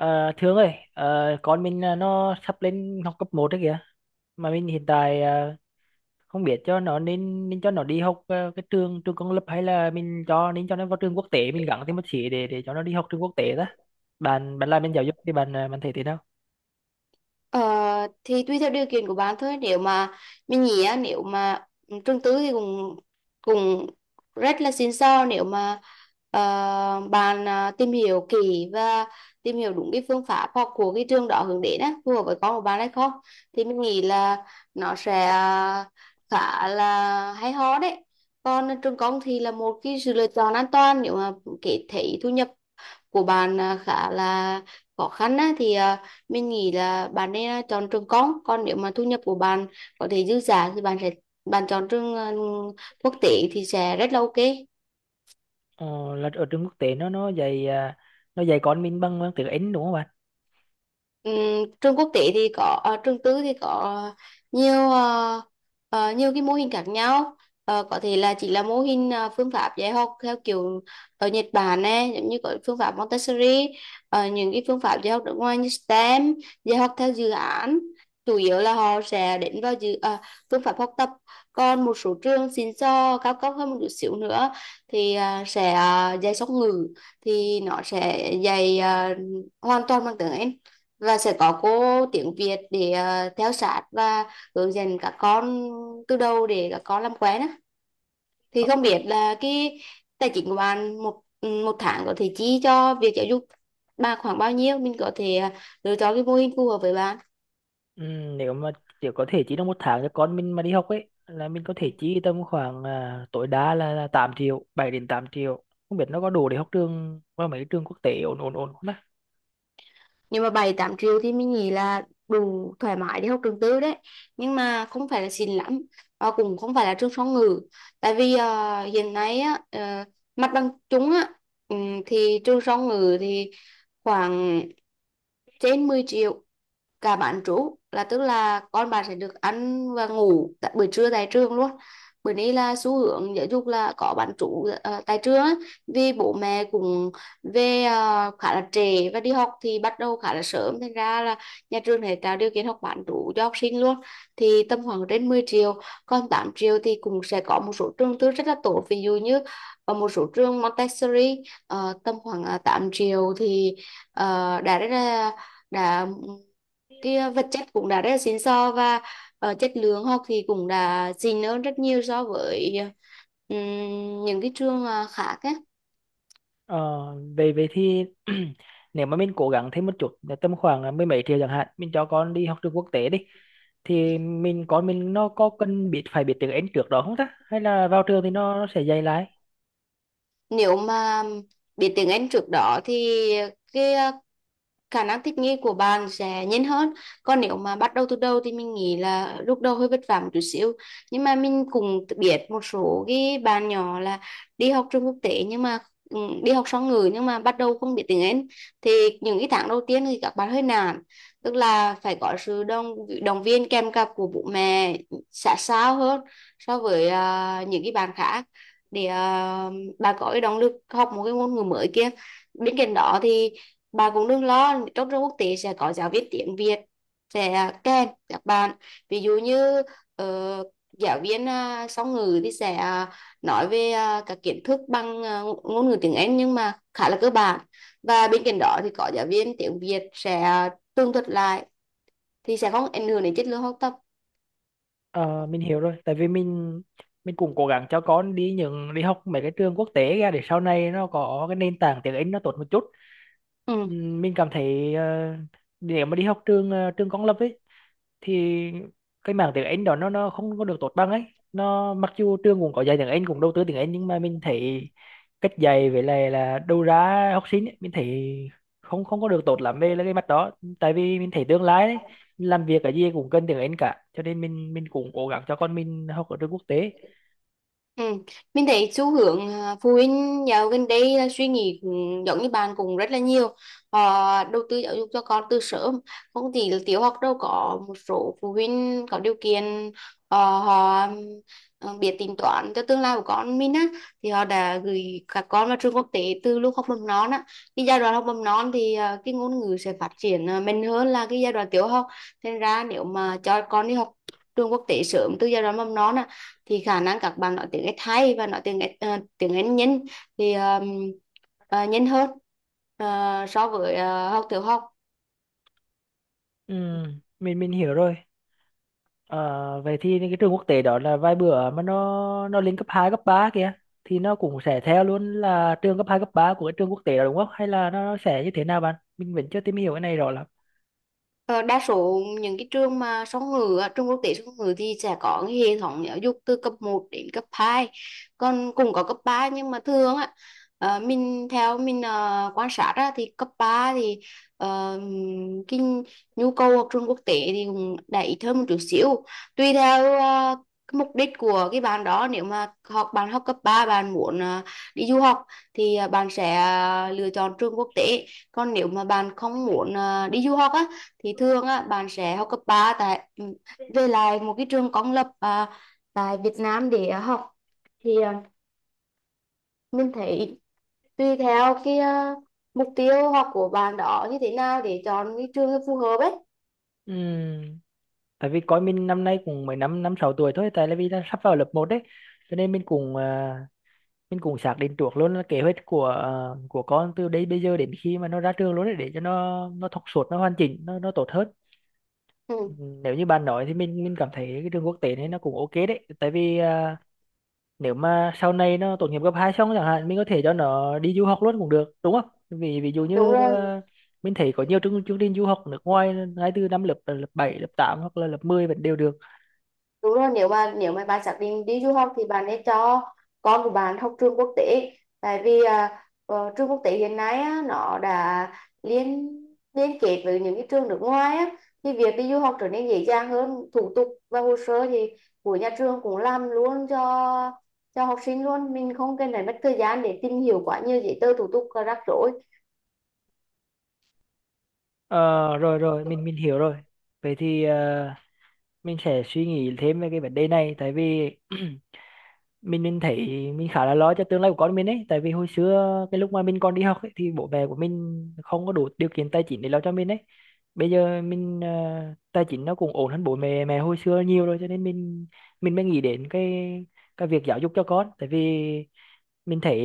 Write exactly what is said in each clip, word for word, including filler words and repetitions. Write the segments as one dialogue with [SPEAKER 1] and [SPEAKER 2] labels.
[SPEAKER 1] À, Thương ơi, ờ, con mình à, nó sắp lên học cấp một đấy kìa. Mà mình hiện tại à, không biết cho nó nên nên cho nó đi học à, cái trường trường công lập hay là mình cho nên cho nó vào trường quốc tế, mình gắng thêm một xí để để cho nó đi học trường quốc tế đó. Bạn bạn làm bên giáo dục thì bạn à, bạn thấy thế nào?
[SPEAKER 2] Ờ, thì tùy theo điều kiện của bạn thôi. Nếu mà mình nghĩ á, nếu mà trường tư thì cũng cũng rất là xịn sò, nếu mà ờ, bạn à, tìm hiểu kỹ và tìm hiểu đúng cái phương pháp học của cái trường đó hướng đến á, phù hợp với con của bạn hay không thì mình nghĩ là nó sẽ à, khá là hay ho đấy. Còn trường công thì là một cái sự lựa chọn an toàn, nếu mà kể thấy thu nhập của bạn à, khá là khó khăn á, thì à, mình nghĩ là bạn nên à, chọn trường công. Còn nếu mà thu nhập của bạn có thể dư giả thì bạn sẽ bạn chọn trường à, quốc tế thì sẽ rất là ok.
[SPEAKER 1] Ờ, là ở trường quốc tế nó nó dạy à, nó dạy con mình bằng, bằng tiếng Anh đúng không bạn?
[SPEAKER 2] Ừm, trường quốc tế thì có, ờ, trường tư thì có nhiều, ờ, ờ, nhiều cái mô hình khác nhau. Ờ, có thể là chỉ là mô hình, ờ, phương pháp dạy học theo kiểu ở Nhật Bản này, giống như có phương pháp Montessori, ờ, những cái phương pháp dạy học nước ngoài như stem, dạy học theo dự án, chủ yếu là họ sẽ đến vào dự ờ, phương pháp học tập. Còn một số trường xịn sò cao cấp hơn một chút xíu nữa thì ờ, sẽ ờ, dạy song ngữ, thì nó sẽ dạy ờ, hoàn toàn bằng tiếng Anh, và sẽ có cô tiếng Việt để ờ, theo sát và hướng dẫn các con từ đầu để các con làm quen á. Thì không biết là cái tài chính của bạn một ừ, một tháng có thể chi cho việc giáo dục bà khoảng bao nhiêu, mình có thể ờ, lựa chọn cái mô hình phù hợp với bạn.
[SPEAKER 1] Ừ, nếu mà chỉ có thể chi trong một tháng cho con mình mà đi học ấy, là mình có thể chi tầm khoảng à, tối đa là, là tám triệu bảy đến tám triệu, không biết nó có đủ để học trường qua mấy trường quốc tế ổn ổn ổn không ta.
[SPEAKER 2] Nhưng mà bảy tám triệu thì mình nghĩ là đủ thoải mái để học trường tư đấy, nhưng mà không phải là xịn lắm và cũng không phải là trường song ngữ. Tại vì ờ, hiện nay á, ờ, mặt bằng chung á, ừm, thì trường song ngữ thì khoảng trên mười triệu, cả bán trú, là tức là con bạn sẽ được ăn và ngủ tại buổi trưa tại trường luôn. Bữa nay là xu hướng giáo dục là có bán trú ờ, tại trường á, vì bố mẹ cũng về ờ, khá là trễ và đi học thì bắt đầu khá là sớm, thành ra là nhà trường sẽ tạo điều kiện học bán trú cho học sinh luôn, thì tầm khoảng trên mười triệu. Còn tám triệu thì cũng sẽ có một số trường tư rất là tốt, ví dụ như ở một số trường Montessori, ờ, tầm khoảng ờ, triệu thì ờ, đã rất là đã cái ờ, vật chất cũng đã rất là xịn sò, và ờ, chất lượng học thì cũng đã xịn hơn rất nhiều so với ờ, ừm, những cái trường ờ, khác.
[SPEAKER 1] ờ, Về về thì nếu mà mình cố gắng thêm một chút là tầm khoảng là mười mấy triệu chẳng hạn, mình cho con đi học trường quốc tế đi, thì mình con mình nó có cần biết phải biết tiếng Anh trước đó không ta, hay là
[SPEAKER 2] Á,
[SPEAKER 1] vào trường thì nó, nó sẽ dạy lại?
[SPEAKER 2] nếu mà biết tiếng Anh trước đó thì cái ờ, khả năng thích nghi của bạn sẽ nhanh hơn. Còn nếu mà bắt đầu từ đầu thì mình nghĩ là lúc đầu hơi vất vả một chút xíu. Nhưng mà mình cũng biết một số cái bạn nhỏ là đi học trường quốc tế, nhưng mà ừ, đi học song ngữ nhưng mà bắt đầu không biết tiếng Anh, thì những cái tháng đầu tiên thì các bạn hơi nản. Tức là phải có sự đồng động viên kèm cặp của bố mẹ sát sao hơn so với ờ, những cái bạn khác, để ờ, bà có cái động lực học một cái ngôn ngữ mới kia. Bên cạnh đó thì bà cũng đừng lo, trong trường quốc tế sẽ có giáo viên tiếng Việt sẽ kèm các bạn. Ví dụ như ờ, giáo viên à, song ngữ thì sẽ à, nói về à, các kiến thức bằng à, ngôn ngữ tiếng Anh nhưng mà khá là cơ bản, và bên cạnh đó thì có giáo viên tiếng Việt sẽ à, tường thuật lại, thì sẽ không ảnh hưởng đến chất lượng học tập.
[SPEAKER 1] Ờ, mình hiểu rồi, tại vì mình mình cũng cố gắng cho con đi những đi học mấy cái trường quốc tế ra để sau này nó có cái nền tảng tiếng Anh nó tốt một chút.
[SPEAKER 2] Ừ.
[SPEAKER 1] Ừm, mình cảm thấy ờ, nếu mà đi học trường ờ, trường công lập ấy thì cái mảng tiếng Anh đó nó nó không có được tốt bằng ấy, nó mặc dù trường cũng có dạy tiếng Anh, cũng đầu tư tiếng Anh, nhưng mà mình thấy cách dạy với lại là đầu ra học sinh ấy, mình thấy không không có được tốt lắm về là cái mặt đó, tại vì mình thấy tương lai đấy làm việc cái gì cũng cần tiếng Anh cả, cho nên mình mình cũng cố gắng cho con mình học ở trường quốc tế.
[SPEAKER 2] Ừ, mình thấy xu hướng à, phụ huynh dạo gần đây là suy nghĩ cũng giống như bạn cũng rất là nhiều. Họ đầu tư giáo dục cho con từ sớm, không chỉ là tiểu học đâu. Có một số phụ huynh có điều kiện, ờ, họ ờ, biết tính toán cho tương lai của con mình á, thì họ đã gửi các con vào trường quốc tế từ lúc học mầm non á. Cái giai đoạn học mầm non thì à, cái ngôn ngữ sẽ phát triển à, mạnh hơn là cái giai đoạn tiểu học. Thành ra nếu mà cho con đi học trường quốc tế sớm từ giai đoạn mầm non á, thì khả năng các bạn nói tiếng Ét hay và nói tiếng Ét, ờ, tiếng Anh nhanh, thì ờ, ờ, nhanh hơn ờ, so với ờ, học tiểu học.
[SPEAKER 1] Ừ, mình mình hiểu rồi. Ờ, vậy thì những cái trường quốc tế đó là vài bữa mà nó nó lên cấp hai cấp ba kìa, thì nó cũng sẽ theo luôn là trường cấp hai cấp ba của cái trường quốc tế đó đúng không? Hay là nó sẽ như thế nào bạn? Mình vẫn chưa tìm hiểu cái này rõ lắm.
[SPEAKER 2] Ờ, đa số những cái trường mà song ngữ á, trường quốc tế song ngữ thì sẽ có cái hệ thống giáo dục từ cấp một đến cấp hai, còn cũng có cấp ba nhưng mà thường á, ờ, mình theo mình ờ, quan sát á, thì cấp ba thì ờ, cái nhu cầu học trường quốc tế thì cũng đã ít hơn một chút xíu, tùy theo ờ, cái mục đích của cái bạn đó. Nếu mà học bạn học cấp ba bạn muốn ờ, đi du học, thì ờ, bạn sẽ ờ, lựa chọn trường quốc tế. Còn nếu mà bạn không muốn ờ, đi du học á, thì thường á bạn sẽ học cấp ba tại ừ, về lại một cái trường công lập à, tại Việt Nam để à, học, thì à, mình thấy tùy theo cái à, mục tiêu học của bạn đó như thế nào để chọn cái trường phù hợp ấy.
[SPEAKER 1] Ừm, Tại vì coi mình năm nay cũng mới năm năm sáu tuổi thôi, tại là vì là sắp vào lớp một đấy. Cho nên mình cũng à, mình cũng xác định trước luôn là kế hoạch của à, của con từ đây bây giờ đến khi mà nó ra trường luôn đấy, để cho nó nó thọc suốt, nó hoàn chỉnh, nó nó tốt hơn.
[SPEAKER 2] Ừ,
[SPEAKER 1] Ừm, nếu như bạn nói thì mình mình cảm thấy cái trường quốc tế này nó cũng ok đấy, tại vì à, nếu mà sau này nó tốt nghiệp cấp hai xong chẳng hạn, mình có thể cho nó đi du học luôn cũng được đúng không, vì ví dụ
[SPEAKER 2] đúng
[SPEAKER 1] như
[SPEAKER 2] rồi.
[SPEAKER 1] ờ, mình thấy có nhiều chương, chương trình du học nước ngoài ngay từ năm lớp lớp bảy, lớp tám hoặc là lớp mười vẫn đều được.
[SPEAKER 2] Đúng rồi, nếu mà nếu mà bạn xác định đi du học thì bạn nên cho con của bạn học trường quốc tế. Tại vì à, ờ, trường quốc tế hiện nay á, nó đã liên liên kết với những cái trường nước ngoài á, thì việc đi du học trở nên dễ dàng hơn. Thủ tục và hồ sơ thì của nhà trường cũng làm luôn cho cho học sinh luôn, mình không cần phải mất thời gian để tìm hiểu quá nhiều giấy tờ thủ tục và rắc rối.
[SPEAKER 1] Ờ, rồi rồi mình mình hiểu rồi. Vậy thì ờ, mình sẽ suy nghĩ thêm về cái vấn đề này, tại vì mình mình thấy mình khá là lo cho tương lai của con mình ấy, tại vì hồi xưa cái lúc mà mình còn đi học ấy, thì bố mẹ của mình không có đủ điều kiện tài chính để lo cho mình ấy. Bây giờ mình ờ, tài chính nó cũng ổn hơn bố mẹ mẹ hồi xưa nhiều rồi, cho nên mình mình mới nghĩ đến cái cái việc giáo dục cho con, tại vì mình thấy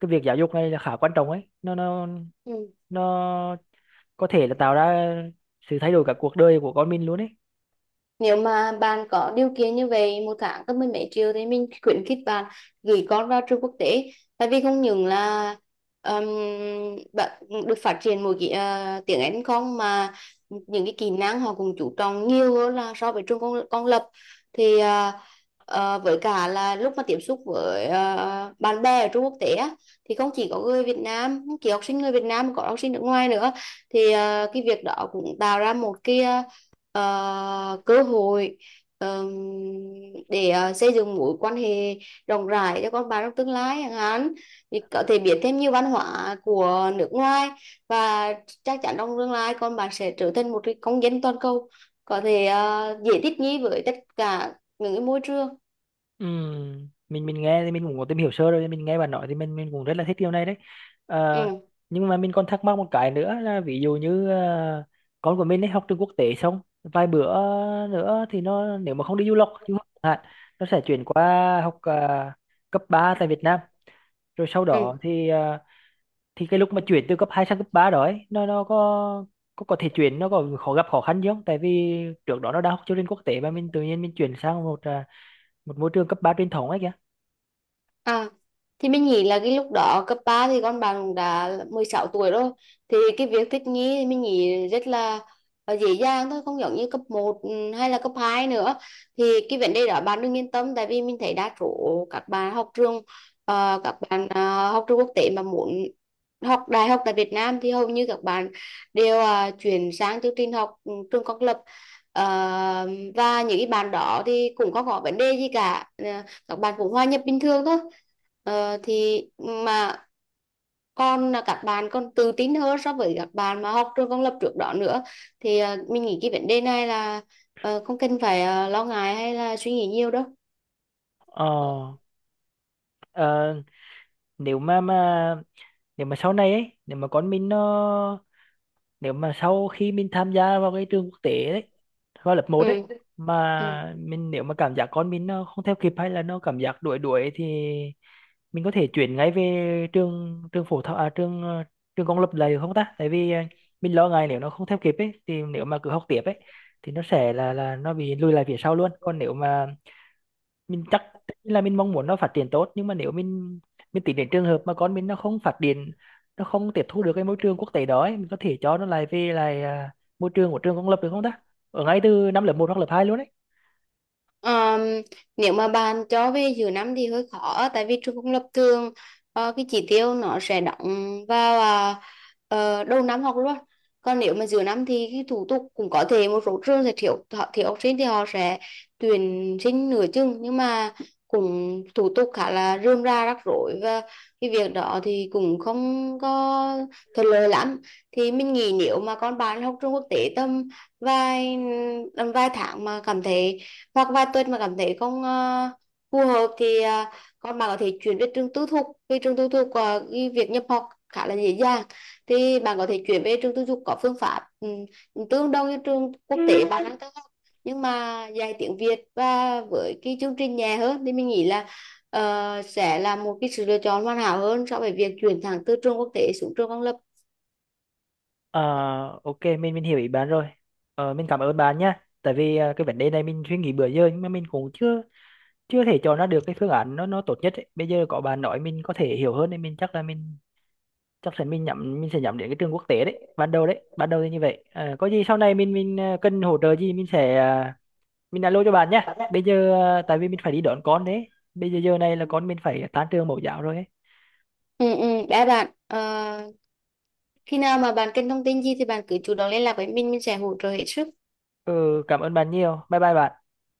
[SPEAKER 1] cái việc giáo dục này là khá quan trọng ấy, nó nó nó có thể là
[SPEAKER 2] Ừ.
[SPEAKER 1] tạo ra sự thay đổi cả cuộc đời của con mình luôn ấy.
[SPEAKER 2] Nếu mà bạn có điều kiện như vậy, một tháng có mười mấy triệu, thì mình khuyến khích bạn gửi con vào trường quốc tế. Tại vì không những là, um, bạn được phát triển một cái ờ, tiếng Anh không, mà những cái kỹ năng họ cũng chú trọng nhiều hơn là so với trường công, công lập. Thì ờ, ờ, với cả là lúc mà tiếp xúc với ờ, bạn bè ở trường quốc tế á, thì không chỉ có người Việt Nam, không chỉ học sinh người Việt Nam mà có học sinh nước ngoài nữa, thì ờ, cái việc đó cũng tạo ra một cái ờ, ờ, cơ hội, ờm, để ờ, xây dựng mối quan hệ rộng rãi cho con bạn trong tương lai chẳng hạn, thì có thể biết thêm nhiều văn hóa của nước ngoài, và chắc chắn trong tương lai con bạn sẽ trở thành một cái công dân toàn cầu, có thể ờ, dễ thích nghi với tất cả những cái môi trường.
[SPEAKER 1] Ừ, mình mình nghe thì mình cũng có tìm hiểu sơ rồi, mình nghe bạn nói thì mình mình cũng rất là thích điều này đấy. Ờ,
[SPEAKER 2] Ừ.
[SPEAKER 1] nhưng mà mình còn thắc mắc một cái nữa là ví dụ như ờ, con của mình ấy học trường quốc tế xong vài bữa nữa thì nó, nếu mà không đi du học du học chẳng hạn, nó sẽ chuyển qua học ờ, cấp ba tại Việt Nam, rồi sau đó thì ờ, thì cái lúc mà chuyển từ cấp hai sang cấp ba đó ấy, nó nó có có có thể chuyển, nó có khó gặp khó khăn gì không, tại vì trước đó nó đã học chương trình quốc tế, mà
[SPEAKER 2] Ừ.
[SPEAKER 1] mình tự nhiên mình chuyển sang một ờ, một môi trường cấp ba truyền thống ấy kìa.
[SPEAKER 2] À, thì mình nghĩ là cái lúc đó cấp ba thì con bạn cũng đã mười sáu tuổi rồi, thì cái việc thích nghi thì mình nghĩ rất là ờ, dễ dàng thôi, không giống như cấp một ừ, hay là cấp hai nữa. Thì cái vấn đề đó bạn đừng yên tâm, tại vì mình thấy đa số các bạn học trường, ờ, các bạn ờ, học trường quốc tế mà muốn học đại học tại Việt Nam thì hầu như các bạn đều ờ, chuyển sang chương trình học ừ, trường công lập. Ờ, và những cái bạn đó thì cũng không có vấn đề gì cả. Ờ, các bạn cũng hòa nhập bình thường thôi. Ờ, thì mà con là các bạn còn tự tin hơn so với các bạn mà học trường công lập trước đó nữa. Thì ờ, mình nghĩ cái vấn đề này là ờ, không cần phải ờ, lo ngại hay là suy nghĩ nhiều đâu.
[SPEAKER 1] Ờ, ờ, nếu mà mà nếu mà sau này ấy, nếu mà con mình nó, nếu mà sau khi mình tham gia vào cái trường quốc tế đấy, vào lớp một đấy,
[SPEAKER 2] Ừ. Ừ.
[SPEAKER 1] mà mình nếu mà cảm giác con mình nó không theo kịp, hay là nó cảm giác đuổi đuổi thì mình có thể chuyển ngay về trường trường phổ thông à, trường ờ, trường công lập lại được không ta? Tại vì ờ, mình lo ngại nếu nó không theo kịp ấy, thì nếu mà cứ học tiếp ấy thì nó sẽ là là nó bị lùi lại phía sau luôn. Còn nếu mà mình chắc là mình mong muốn nó phát triển tốt, nhưng mà nếu mình mình tính đến trường hợp mà con mình nó không phát triển, nó không tiếp thu được cái môi trường quốc tế đó ấy, mình có thể cho nó lại về lại à, môi trường của trường công lập được không ta, ở ngay từ năm lớp một hoặc lớp hai luôn đấy.
[SPEAKER 2] Ờm, nếu mà bạn cho về giữa năm thì hơi khó, tại vì trường công lập thường ờ, cái chỉ tiêu nó sẽ đóng vào à, ờ, đầu năm học luôn. Còn nếu mà giữa năm thì cái thủ tục, cũng có thể một số trường sẽ thiếu, họ thiếu học sinh thì họ sẽ tuyển sinh nửa chừng, nhưng mà cũng thủ tục khá là rườm rà rắc rối, và cái việc đó thì cũng không có thuận lợi lắm. Thì mình nghĩ nếu mà con bạn học trường quốc tế tầm vài tầm vài tháng mà cảm thấy, hoặc vài tuần mà cảm thấy không ờ, phù hợp, thì ờ, con bạn có thể chuyển về trường tư thục, vì trường tư thục ờ, cái việc nhập học khá là dễ dàng. Thì bạn có thể chuyển về trường tư thục có phương pháp, ừm, tương đương như trường quốc tế bạn đang theo học, nhưng mà dạy tiếng Việt và với cái chương trình nhẹ hơn, thì mình nghĩ là ờ, sẽ là một cái sự lựa chọn hoàn hảo hơn so với việc chuyển thẳng từ trường quốc tế xuống trường công lập.
[SPEAKER 1] Ờ, ok, mình mình hiểu ý bạn rồi. Ờ, mình cảm ơn bạn nha, tại vì à, cái vấn đề này mình suy nghĩ bữa giờ, nhưng mà mình cũng chưa chưa thể cho nó được cái phương án nó nó tốt nhất ấy. Bây giờ có bạn nói mình có thể hiểu hơn, nên mình chắc là mình chắc chắn mình nhắm, mình sẽ nhắm đến cái trường quốc tế đấy ban đầu, đấy ban đầu thì như vậy. Ờ, có gì sau này mình mình ờ, cần hỗ trợ gì mình sẽ ờ, mình alo cho bạn nhé. Bây giờ ờ, tại vì mình phải đi đón con đấy, bây giờ giờ này là con mình phải tan trường mẫu giáo rồi ấy.
[SPEAKER 2] Ừ, ừ, đã bạn. Ờ, khi nào mà bạn cần thông tin gì thì bạn cứ chủ động liên lạc với mình mình sẽ hỗ trợ hết sức.
[SPEAKER 1] Ừ, cảm ơn bạn nhiều, bye bye bạn.